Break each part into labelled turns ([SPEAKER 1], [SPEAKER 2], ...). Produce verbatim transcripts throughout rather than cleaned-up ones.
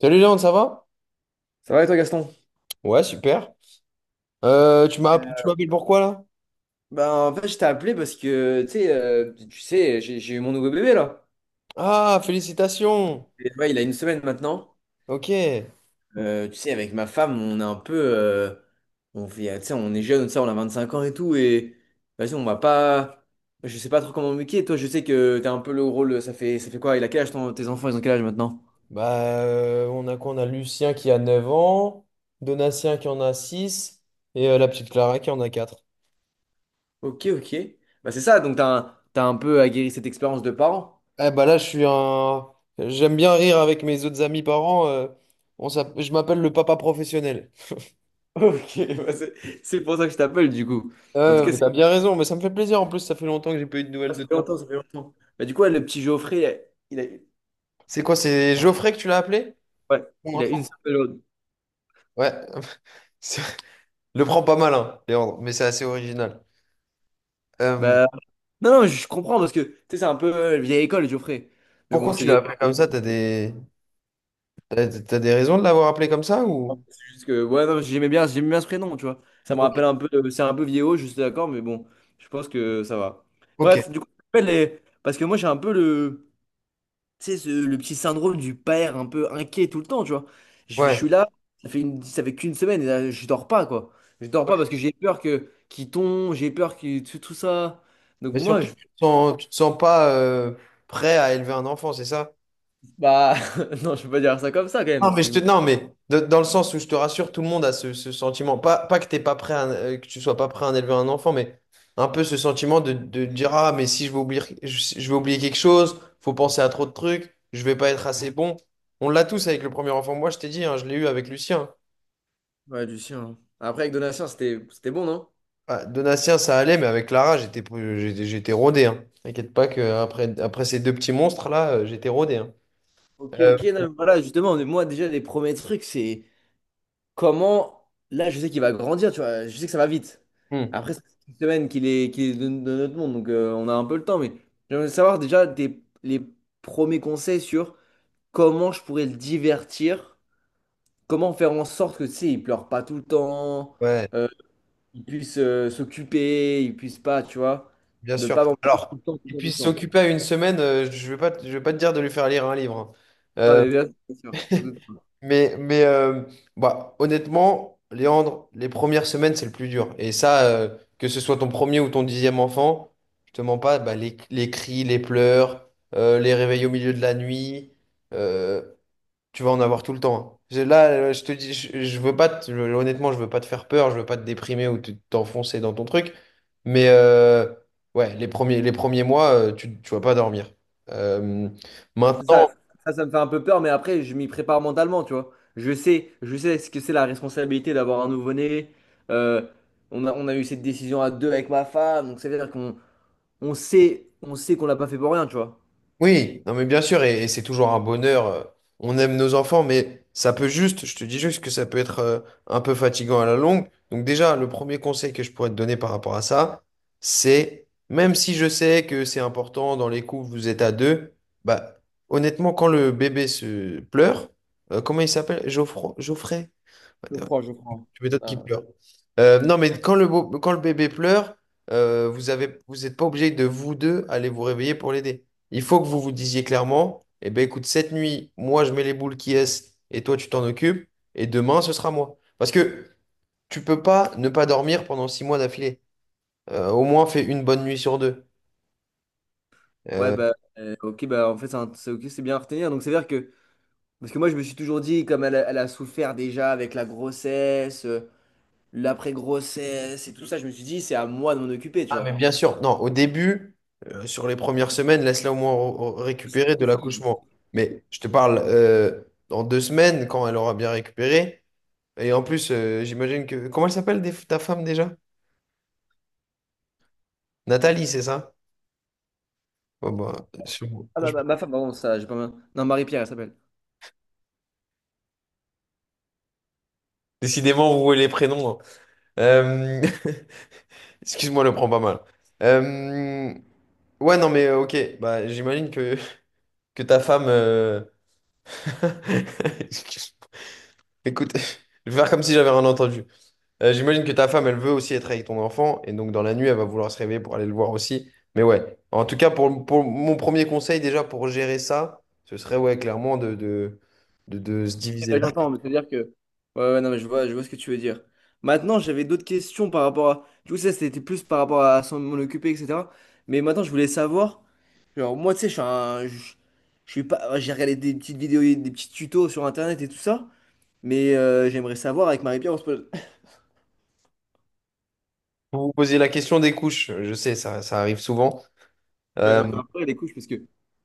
[SPEAKER 1] Salut Léon, ça va?
[SPEAKER 2] Ça va et toi, Gaston?
[SPEAKER 1] Ouais, super. Euh, tu m'as, tu
[SPEAKER 2] Euh,
[SPEAKER 1] m'appelles pourquoi là?
[SPEAKER 2] Ben, en fait, je t'ai appelé parce que, tu sais, euh, tu sais, j'ai j'ai eu mon nouveau bébé, là.
[SPEAKER 1] Ah, félicitations!
[SPEAKER 2] Et, ouais, il a une semaine maintenant.
[SPEAKER 1] Ok.
[SPEAKER 2] Euh, tu sais, avec ma femme, on est un peu... euh, on fait, tu sais, on est jeune, tu sais, on a vingt-cinq ans et tout. Et vas-y, on va pas... Je sais pas trop comment m'occuper. Toi, je sais que t'as un peu le rôle... Ça fait, ça fait quoi? Il a quel âge, ton- tes enfants? Ils ont quel âge maintenant?
[SPEAKER 1] Bah, euh, on a quoi? On a Lucien qui a neuf ans, Donatien qui en a six et euh, la petite Clara qui en a quatre.
[SPEAKER 2] Ok, ok. Bah, c'est ça, donc t'as un, t'as un peu aguerri cette expérience de parent.
[SPEAKER 1] Eh bah là, je suis un. J'aime bien rire avec mes autres amis parents. euh, on s'app- Je m'appelle le papa professionnel.
[SPEAKER 2] Ok, bah, c'est c'est pour ça que je t'appelle, du coup. En tout
[SPEAKER 1] Euh,
[SPEAKER 2] cas,
[SPEAKER 1] mais t'as bien raison, mais ça me fait plaisir. En plus, ça fait longtemps que j'ai pas eu de
[SPEAKER 2] ah,
[SPEAKER 1] nouvelles
[SPEAKER 2] ça
[SPEAKER 1] de
[SPEAKER 2] fait
[SPEAKER 1] toi.
[SPEAKER 2] longtemps, ça fait longtemps. Bah, du coup, ouais, le petit Geoffrey, il a, il a,
[SPEAKER 1] C'est quoi? C'est Geoffrey que tu l'as appelé?
[SPEAKER 2] ouais,
[SPEAKER 1] Mon
[SPEAKER 2] il a une
[SPEAKER 1] enfant.
[SPEAKER 2] seule pelode.
[SPEAKER 1] Ouais. Le prends pas mal, hein, Léandre, mais c'est assez original. Euh,
[SPEAKER 2] Bah, non, non, je comprends parce que, tu sais, c'est un peu euh, vieille école, Geoffrey. Mais bon,
[SPEAKER 1] pourquoi
[SPEAKER 2] c'est
[SPEAKER 1] tu l'as appelé comme ça? T'as des... T'as, t'as des raisons de l'avoir appelé comme ça ou...
[SPEAKER 2] c'est juste que, ouais, non, j'aimais bien, j'aimais bien ce prénom, tu vois. Ça me
[SPEAKER 1] Ok.
[SPEAKER 2] rappelle un peu, euh, c'est un peu vieillot, je suis d'accord, mais bon, je pense que ça va.
[SPEAKER 1] Ok,
[SPEAKER 2] Bref, du coup, je t'appelle les- parce que moi, j'ai un peu le, tu sais, ce- le petit syndrome du père un peu inquiet tout le temps, tu vois. Je, je
[SPEAKER 1] ouais.
[SPEAKER 2] suis là, ça fait, une, ça fait qu'une semaine et là, je dors pas, quoi. Je dors pas parce que j'ai peur que qu'il tombe, j'ai peur que tout, tout ça. Donc
[SPEAKER 1] Mais
[SPEAKER 2] moi,
[SPEAKER 1] surtout,
[SPEAKER 2] je...
[SPEAKER 1] tu te sens, tu te sens pas euh, prêt à élever un enfant, c'est ça?
[SPEAKER 2] Bah, non, je peux pas dire ça comme ça quand même,
[SPEAKER 1] Non,
[SPEAKER 2] parce
[SPEAKER 1] mais,
[SPEAKER 2] que
[SPEAKER 1] je
[SPEAKER 2] je
[SPEAKER 1] te,
[SPEAKER 2] me...
[SPEAKER 1] non, mais de- dans le sens où je te rassure, tout le monde a ce, ce sentiment. Pas, pas que t'es pas prêt à- euh, que tu sois pas prêt à en élever un enfant, mais un peu ce sentiment de, de dire, Ah, mais si je vais oublier, je, je vais oublier quelque chose, faut penser à trop de trucs, je vais pas être assez bon. On l'a tous avec le premier enfant. Moi, je t'ai dit, hein, je l'ai eu avec Lucien.
[SPEAKER 2] Ouais, Lucien. Après, avec Donatien, c'était c'était bon, non?
[SPEAKER 1] Ah, Donatien, ça allait, mais avec Clara, j'étais pou- j'étais j'étais rodé. Hein. T'inquiète pas que après après ces deux petits monstres-là, euh, j'étais rodé. Hein.
[SPEAKER 2] Ok,
[SPEAKER 1] Euh,
[SPEAKER 2] ok, non, mais voilà, justement, mais moi déjà, les premiers trucs, c'est... Comment, là, je sais qu'il va grandir, tu vois, je sais que ça va vite.
[SPEAKER 1] hmm,
[SPEAKER 2] Après, ça fait une semaine qu'il est, qu'il est de, de notre monde, donc euh, on a un peu le temps, mais j'aimerais savoir déjà tes- les premiers conseils sur comment je pourrais le divertir, comment faire en sorte que, tu sais, il pleure pas tout le temps,
[SPEAKER 1] ouais.
[SPEAKER 2] euh, il puisse euh, s'occuper, il puisse pas, tu vois,
[SPEAKER 1] Bien
[SPEAKER 2] ne pas
[SPEAKER 1] sûr.
[SPEAKER 2] m'embêter tout
[SPEAKER 1] Alors,
[SPEAKER 2] le temps, tout le
[SPEAKER 1] qu'il
[SPEAKER 2] temps, tout le
[SPEAKER 1] puisse
[SPEAKER 2] temps.
[SPEAKER 1] s'occuper à une semaine, euh, je vais pas, te- je vais pas te dire de lui faire lire un livre. Hein.
[SPEAKER 2] Non,
[SPEAKER 1] Euh,
[SPEAKER 2] mais bien sûr, bien sûr.
[SPEAKER 1] mais mais euh, bah, honnêtement, Léandre, les premières semaines, c'est le plus dur. Et ça, euh, que ce soit ton premier ou ton dixième enfant, je te mens pas. Bah, les, les cris, les pleurs, euh, les réveils au milieu de la nuit, euh, tu vas en avoir tout le temps. Hein. J'ai- Là, euh, je te dis, je, je veux pas te- je- honnêtement, je veux pas te faire peur, je veux pas te déprimer ou te- t'enfoncer dans ton truc. Mais euh, ouais, les premiers, les premiers mois, euh, tu, tu vas pas dormir. Euh,
[SPEAKER 2] Ouais, c'est ça.
[SPEAKER 1] maintenant,
[SPEAKER 2] Ça, ça me fait un peu peur, mais après, je m'y prépare mentalement, tu vois. Je sais, je sais ce que c'est la responsabilité d'avoir un nouveau-né. Euh, on a, on a eu cette décision à deux avec ma femme, donc ça veut dire qu'on on sait, on sait qu'on l'a pas fait pour rien, tu vois.
[SPEAKER 1] Oui, non mais bien sûr, et, et c'est toujours un bonheur. euh, On aime nos enfants, mais ça peut juste, je te dis juste que ça peut être euh, un peu fatigant à la longue. Donc déjà, le premier conseil que je pourrais te donner par rapport à ça, c'est, même si je sais que c'est important, dans les couples, vous êtes à deux. Bah honnêtement, quand le bébé se pleure, euh, comment il s'appelle? Geoffroy, Geoffrey?
[SPEAKER 2] Je crois, je crois.
[SPEAKER 1] Tu m'étonnes qu'il
[SPEAKER 2] Ah.
[SPEAKER 1] pleure. Euh, non, mais quand le, beau- quand le bébé pleure, euh, vous avez, vous n'êtes pas obligé de vous deux aller vous réveiller pour l'aider. Il faut que vous vous disiez clairement, eh ben écoute, cette nuit, moi je mets les boules qui est et toi tu t'en occupes et demain ce sera moi. Parce que tu peux pas ne pas dormir pendant six mois d'affilée. Euh, au moins fais une bonne nuit sur deux.
[SPEAKER 2] Ouais,
[SPEAKER 1] Euh,
[SPEAKER 2] bah, euh, ok, bah, en fait, c'est un- c'est ok, c'est bien à retenir. Donc, c'est-à-dire que, parce que moi, je me suis toujours dit, comme elle, a elle a souffert déjà avec la grossesse, euh, l'après-grossesse et tout ça, je me suis dit, c'est à moi de m'en occuper, tu
[SPEAKER 1] ah mais
[SPEAKER 2] vois.
[SPEAKER 1] bien sûr, non, au début, euh, sur les premières semaines, laisse-la au moins r- r-
[SPEAKER 2] Je me
[SPEAKER 1] récupérer de
[SPEAKER 2] sacrifie.
[SPEAKER 1] l'accouchement. Mais je te parle euh, dans deux semaines quand elle aura bien récupéré. Et en plus, euh, j'imagine que... Comment elle s'appelle des- ta femme déjà? Nathalie, c'est ça? Bon, bah, sur-
[SPEAKER 2] Ah, ma,
[SPEAKER 1] je-
[SPEAKER 2] ma, ma femme, pardon, ça, j'ai pas. ma- Non, Marie-Pierre, elle s'appelle.
[SPEAKER 1] Décidément, rouer les prénoms. Hein. Euh, Excuse-moi, le prends pas mal. Euh, Ouais, non, mais euh, ok. Bah, j'imagine que... que ta femme... euh, Écoute, je vais faire comme si j'avais rien entendu. Euh, j'imagine que ta femme, elle veut aussi être avec ton enfant, et donc dans la nuit, elle va vouloir se réveiller pour aller le voir aussi. Mais ouais, en tout cas, pour, pour mon premier conseil déjà pour gérer ça, ce serait ouais, clairement de, de, de, de se diviser
[SPEAKER 2] Ouais,
[SPEAKER 1] là.
[SPEAKER 2] j'entends, mais c'est-à-dire que. Ouais, ouais, non, mais je vois, je vois ce que tu veux dire. Maintenant, j'avais d'autres questions par rapport à. Du coup, ça, c'était plus par rapport à s'en m'en occuper, et cetera. Mais maintenant, je voulais savoir. Genre, moi, tu sais, je suis un. Je, je suis pas. J'ai regardé des petites vidéos, et des petits tutos sur Internet et tout ça. Mais euh, j'aimerais savoir avec Marie-Pierre, on se pose.
[SPEAKER 1] Vous vous posez la question des couches, je sais, ça, ça arrive souvent.
[SPEAKER 2] Ouais,
[SPEAKER 1] Euh,
[SPEAKER 2] ça me fait un peu les couches parce que.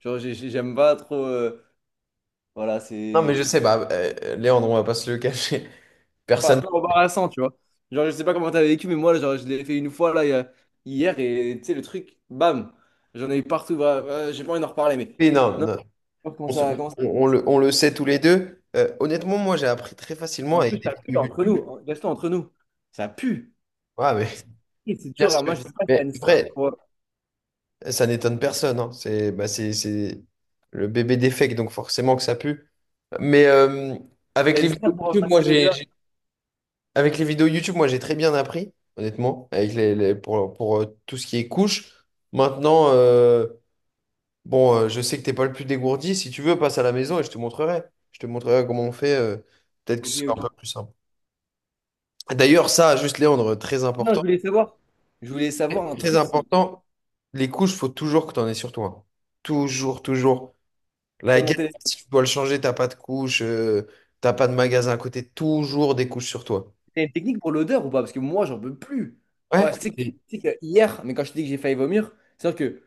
[SPEAKER 2] Genre, j'ai- j'ai- j'aime pas trop. euh, Voilà,
[SPEAKER 1] non, mais je
[SPEAKER 2] c'est.
[SPEAKER 1] sais, bah, euh, Léandre, on va pas se le cacher.
[SPEAKER 2] Enfin, un
[SPEAKER 1] Personne
[SPEAKER 2] peu embarrassant, tu vois. Genre, je sais pas comment t'as vécu, mais moi, genre, je l'ai fait une fois, là, il y a- hier, et tu sais, le truc, bam, j'en ai eu partout. Bah, euh, j'ai pas envie d'en reparler, mais.
[SPEAKER 1] ne non,
[SPEAKER 2] Non,
[SPEAKER 1] non,
[SPEAKER 2] comment
[SPEAKER 1] on, se-
[SPEAKER 2] ça,
[SPEAKER 1] on-
[SPEAKER 2] comment ça...
[SPEAKER 1] on le, on le sait tous les deux. Euh, honnêtement, moi, j'ai appris très facilement
[SPEAKER 2] En plus,
[SPEAKER 1] avec des
[SPEAKER 2] ça pue
[SPEAKER 1] vidéos
[SPEAKER 2] entre
[SPEAKER 1] YouTube.
[SPEAKER 2] nous, Gaston, entre nous. Ça pue.
[SPEAKER 1] Ah, mais
[SPEAKER 2] C'est et c'est
[SPEAKER 1] bien
[SPEAKER 2] dur, hein.
[SPEAKER 1] sûr.
[SPEAKER 2] Moi, je sais pas si t'as
[SPEAKER 1] Mais
[SPEAKER 2] une strat
[SPEAKER 1] après,
[SPEAKER 2] pour,
[SPEAKER 1] ça n'étonne personne, hein. C'est bah, c'est, c'est le bébé défect, donc forcément que ça pue. Mais euh, avec
[SPEAKER 2] t'as une
[SPEAKER 1] les
[SPEAKER 2] strat
[SPEAKER 1] vidéos
[SPEAKER 2] pour
[SPEAKER 1] YouTube, moi
[SPEAKER 2] masquer
[SPEAKER 1] j'ai
[SPEAKER 2] l'odeur.
[SPEAKER 1] j'ai- avec les vidéos YouTube, moi j'ai très bien appris, honnêtement, avec les, les- pour, pour euh, tout ce qui est couche. Maintenant, euh, bon, euh, je sais que t'es pas le plus dégourdi. Si tu veux, passe à la maison et je te montrerai. Je te montrerai comment on fait. euh, peut-être que
[SPEAKER 2] Ok,
[SPEAKER 1] ce sera
[SPEAKER 2] ok.
[SPEAKER 1] un peu plus simple. D'ailleurs, ça, juste Léandre, très
[SPEAKER 2] Non, je
[SPEAKER 1] important,
[SPEAKER 2] voulais savoir. Je voulais savoir un
[SPEAKER 1] très
[SPEAKER 2] truc, si,
[SPEAKER 1] important. Les couches, faut toujours que tu en aies sur toi. Toujours, toujours. La
[SPEAKER 2] comment
[SPEAKER 1] guerre,
[SPEAKER 2] t'es-
[SPEAKER 1] si tu dois le changer, t'as pas de couche, euh, t'as pas de magasin à côté, toujours des couches sur toi.
[SPEAKER 2] t'as une technique pour l'odeur ou pas? Parce que moi, j'en peux plus.
[SPEAKER 1] Ouais.
[SPEAKER 2] Ouais, c'est que,
[SPEAKER 1] Et-
[SPEAKER 2] tu sais que hier, mais quand je te dis que j'ai failli vomir, c'est-à-dire que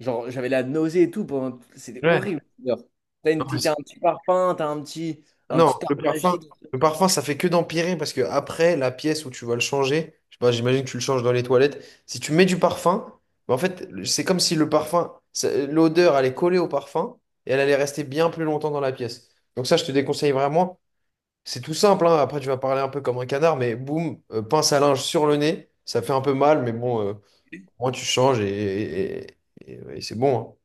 [SPEAKER 2] genre, j'avais la nausée et tout pendant... C'était
[SPEAKER 1] Ouais.
[SPEAKER 2] horrible. L'odeur. T'as une
[SPEAKER 1] Non, mais
[SPEAKER 2] petite- t'as un
[SPEAKER 1] c'est-
[SPEAKER 2] petit parfum, t'as un petit, un
[SPEAKER 1] non,
[SPEAKER 2] petit
[SPEAKER 1] le
[SPEAKER 2] arbre
[SPEAKER 1] parfum,
[SPEAKER 2] magique.
[SPEAKER 1] le parfum, ça fait que d'empirer parce que après, la pièce où tu vas le changer, je sais pas, j'imagine que tu le changes dans les toilettes. Si tu mets du parfum, bah, en fait, c'est comme si le parfum, ça- l'odeur allait coller au parfum et elle allait rester bien plus longtemps dans la pièce. Donc ça, je te déconseille vraiment. C'est tout simple, hein. Après, tu vas parler un peu comme un canard, mais boum, euh, pince à linge sur le nez, ça fait un peu mal, mais bon. euh, Moi, tu changes et, et- et- et- et ouais, c'est bon.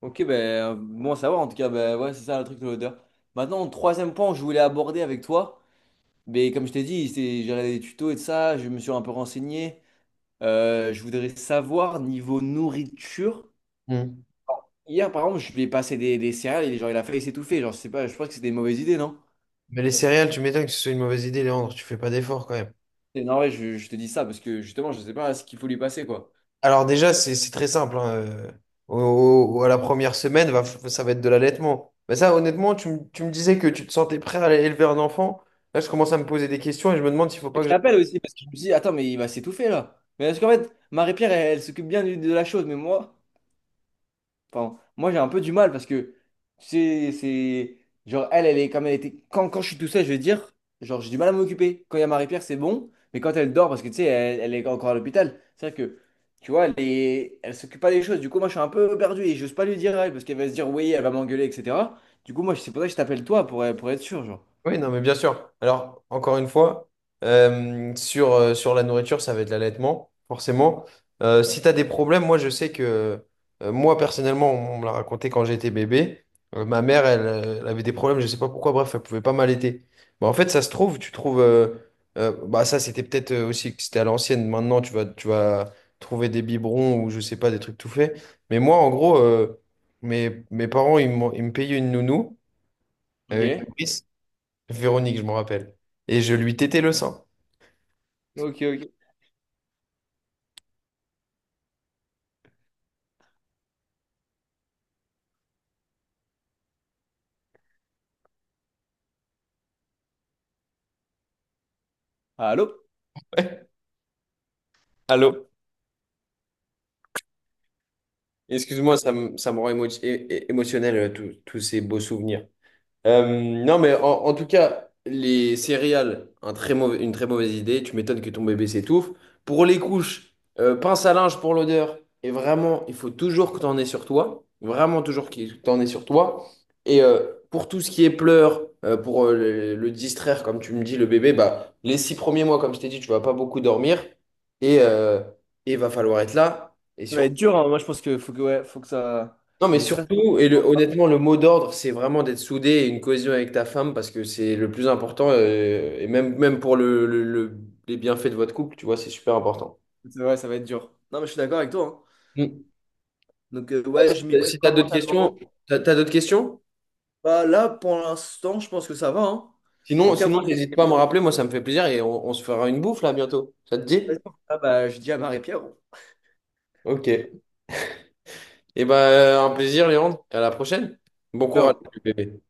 [SPEAKER 2] Ok, ben, bon à savoir, en tout cas, ben, ouais, c'est ça le truc de l'odeur. Maintenant, troisième point que je voulais aborder avec toi, mais comme je t'ai dit, c'est- j'ai regardé des tutos et de ça, je me suis un peu renseigné. Euh, je voudrais savoir, niveau nourriture,
[SPEAKER 1] Hein. Mm.
[SPEAKER 2] hier, par exemple, je lui ai passé des, des céréales et genre, il a failli s'étouffer. Genre, je sais pas, je pense que c'est des mauvaises idées, non?
[SPEAKER 1] Mais les céréales, tu m'étonnes que ce soit une mauvaise idée, Léandre. Tu fais pas d'effort quand même.
[SPEAKER 2] Et non, ouais, je, je te dis ça parce que justement, je sais pas ce qu'il faut lui passer, quoi.
[SPEAKER 1] Alors déjà, c'est c'est très simple. Hein, euh, au- au- à la première semaine, va, ça va être de l'allaitement. Mais ça, honnêtement, tu, me tu me disais que tu te sentais prêt à élever un enfant. Là, je commence à me poser des questions et je me demande s'il faut pas
[SPEAKER 2] Je
[SPEAKER 1] que.
[SPEAKER 2] l'appelle aussi parce que je me dis attends, mais il va s'étouffer là. Mais parce qu'en fait, Marie-Pierre, elle, elle s'occupe bien du- de la chose, mais moi, enfin, moi j'ai un peu du mal parce que, tu sais, c'est. Genre, elle, elle est comme elle était. Quand, quand je suis tout seul, je vais dire, genre, j'ai du mal à m'occuper. Quand il y a Marie-Pierre, c'est bon, mais quand elle dort, parce que tu sais, elle, elle est encore à l'hôpital, c'est vrai que, tu vois, elle est... elle s'occupe pas des choses. Du coup, moi, je suis un peu perdu et j'ose pas lui dire à elle parce qu'elle va se dire, oui, elle va m'engueuler, et cetera. Du coup, moi, c'est pour ça que je t'appelle toi pour, pour être sûr, genre.
[SPEAKER 1] Oui, non, mais bien sûr. Alors, encore une fois, euh, sur, euh, sur la nourriture, ça va être l'allaitement, forcément. Euh, si tu as des problèmes, moi, je sais que, euh, moi, personnellement, on me l'a raconté quand j'étais bébé. Euh, ma mère, elle, euh, elle avait des problèmes, je sais pas pourquoi, bref, elle pouvait pas m'allaiter. Bah, en fait, ça se trouve, tu trouves. euh, euh, bah, ça, c'était peut-être euh, aussi que c'était à l'ancienne. Maintenant, tu vas, tu vas trouver des biberons ou je sais pas, des trucs tout faits. Mais moi, en gros, euh, mes, mes parents, ils m'ont- ils me payaient une nounou, euh, une
[SPEAKER 2] Ok.
[SPEAKER 1] nourrice. Véronique, je m'en rappelle. Et je lui tétais le sang.
[SPEAKER 2] Ok, ok. Allô?
[SPEAKER 1] Ouais. Allô? Excuse-moi, ça me, ça me rend émo- é- é- émotionnel, euh, tous tous ces beaux souvenirs. Euh, non, mais en, en tout cas, les céréales, un très mauvais- une très mauvaise idée. Tu m'étonnes que ton bébé s'étouffe. Pour les couches, euh, pince à linge pour l'odeur. Et vraiment, il faut toujours que tu en aies sur toi. Vraiment, toujours que tu en aies sur toi. Et euh, pour tout ce qui est pleurs, euh, pour euh, le, le distraire, comme tu me dis, le bébé, bah, les six premiers mois, comme je t'ai dit, tu vas pas beaucoup dormir. Et euh, et il va falloir être là. Et
[SPEAKER 2] Ça va être
[SPEAKER 1] surtout,
[SPEAKER 2] dur, hein. Moi je pense que faut que ouais, faut que ça.
[SPEAKER 1] non, mais
[SPEAKER 2] Je serai.
[SPEAKER 1] surtout, et le- honnêtement, le mot d'ordre, c'est vraiment d'être soudé et une cohésion avec ta femme parce que c'est le plus important, euh, et même, même pour le, le- le- les bienfaits de votre couple, tu vois, c'est super important.
[SPEAKER 2] Ouais, ça va être dur. Non, mais je suis d'accord avec toi. Hein.
[SPEAKER 1] Mm.
[SPEAKER 2] Donc euh, ouais, je m'y
[SPEAKER 1] Si tu as
[SPEAKER 2] prépare
[SPEAKER 1] d'autres
[SPEAKER 2] mentalement.
[SPEAKER 1] questions, t'as, t'as d'autres questions?
[SPEAKER 2] Bah, là, pour l'instant, je pense que ça va. Hein. En
[SPEAKER 1] Sinon,
[SPEAKER 2] tout cas, moi,
[SPEAKER 1] sinon, n'hésite
[SPEAKER 2] c'est...
[SPEAKER 1] pas à me rappeler, moi, ça me fait plaisir et on, on se fera une bouffe là bientôt. Ça te dit?
[SPEAKER 2] Ah, bah, je dis à Marie-Pierre.
[SPEAKER 1] Ok. Et ben, un plaisir, Léandre. À la prochaine. Bon courage,
[SPEAKER 2] Ciao.
[SPEAKER 1] bébé.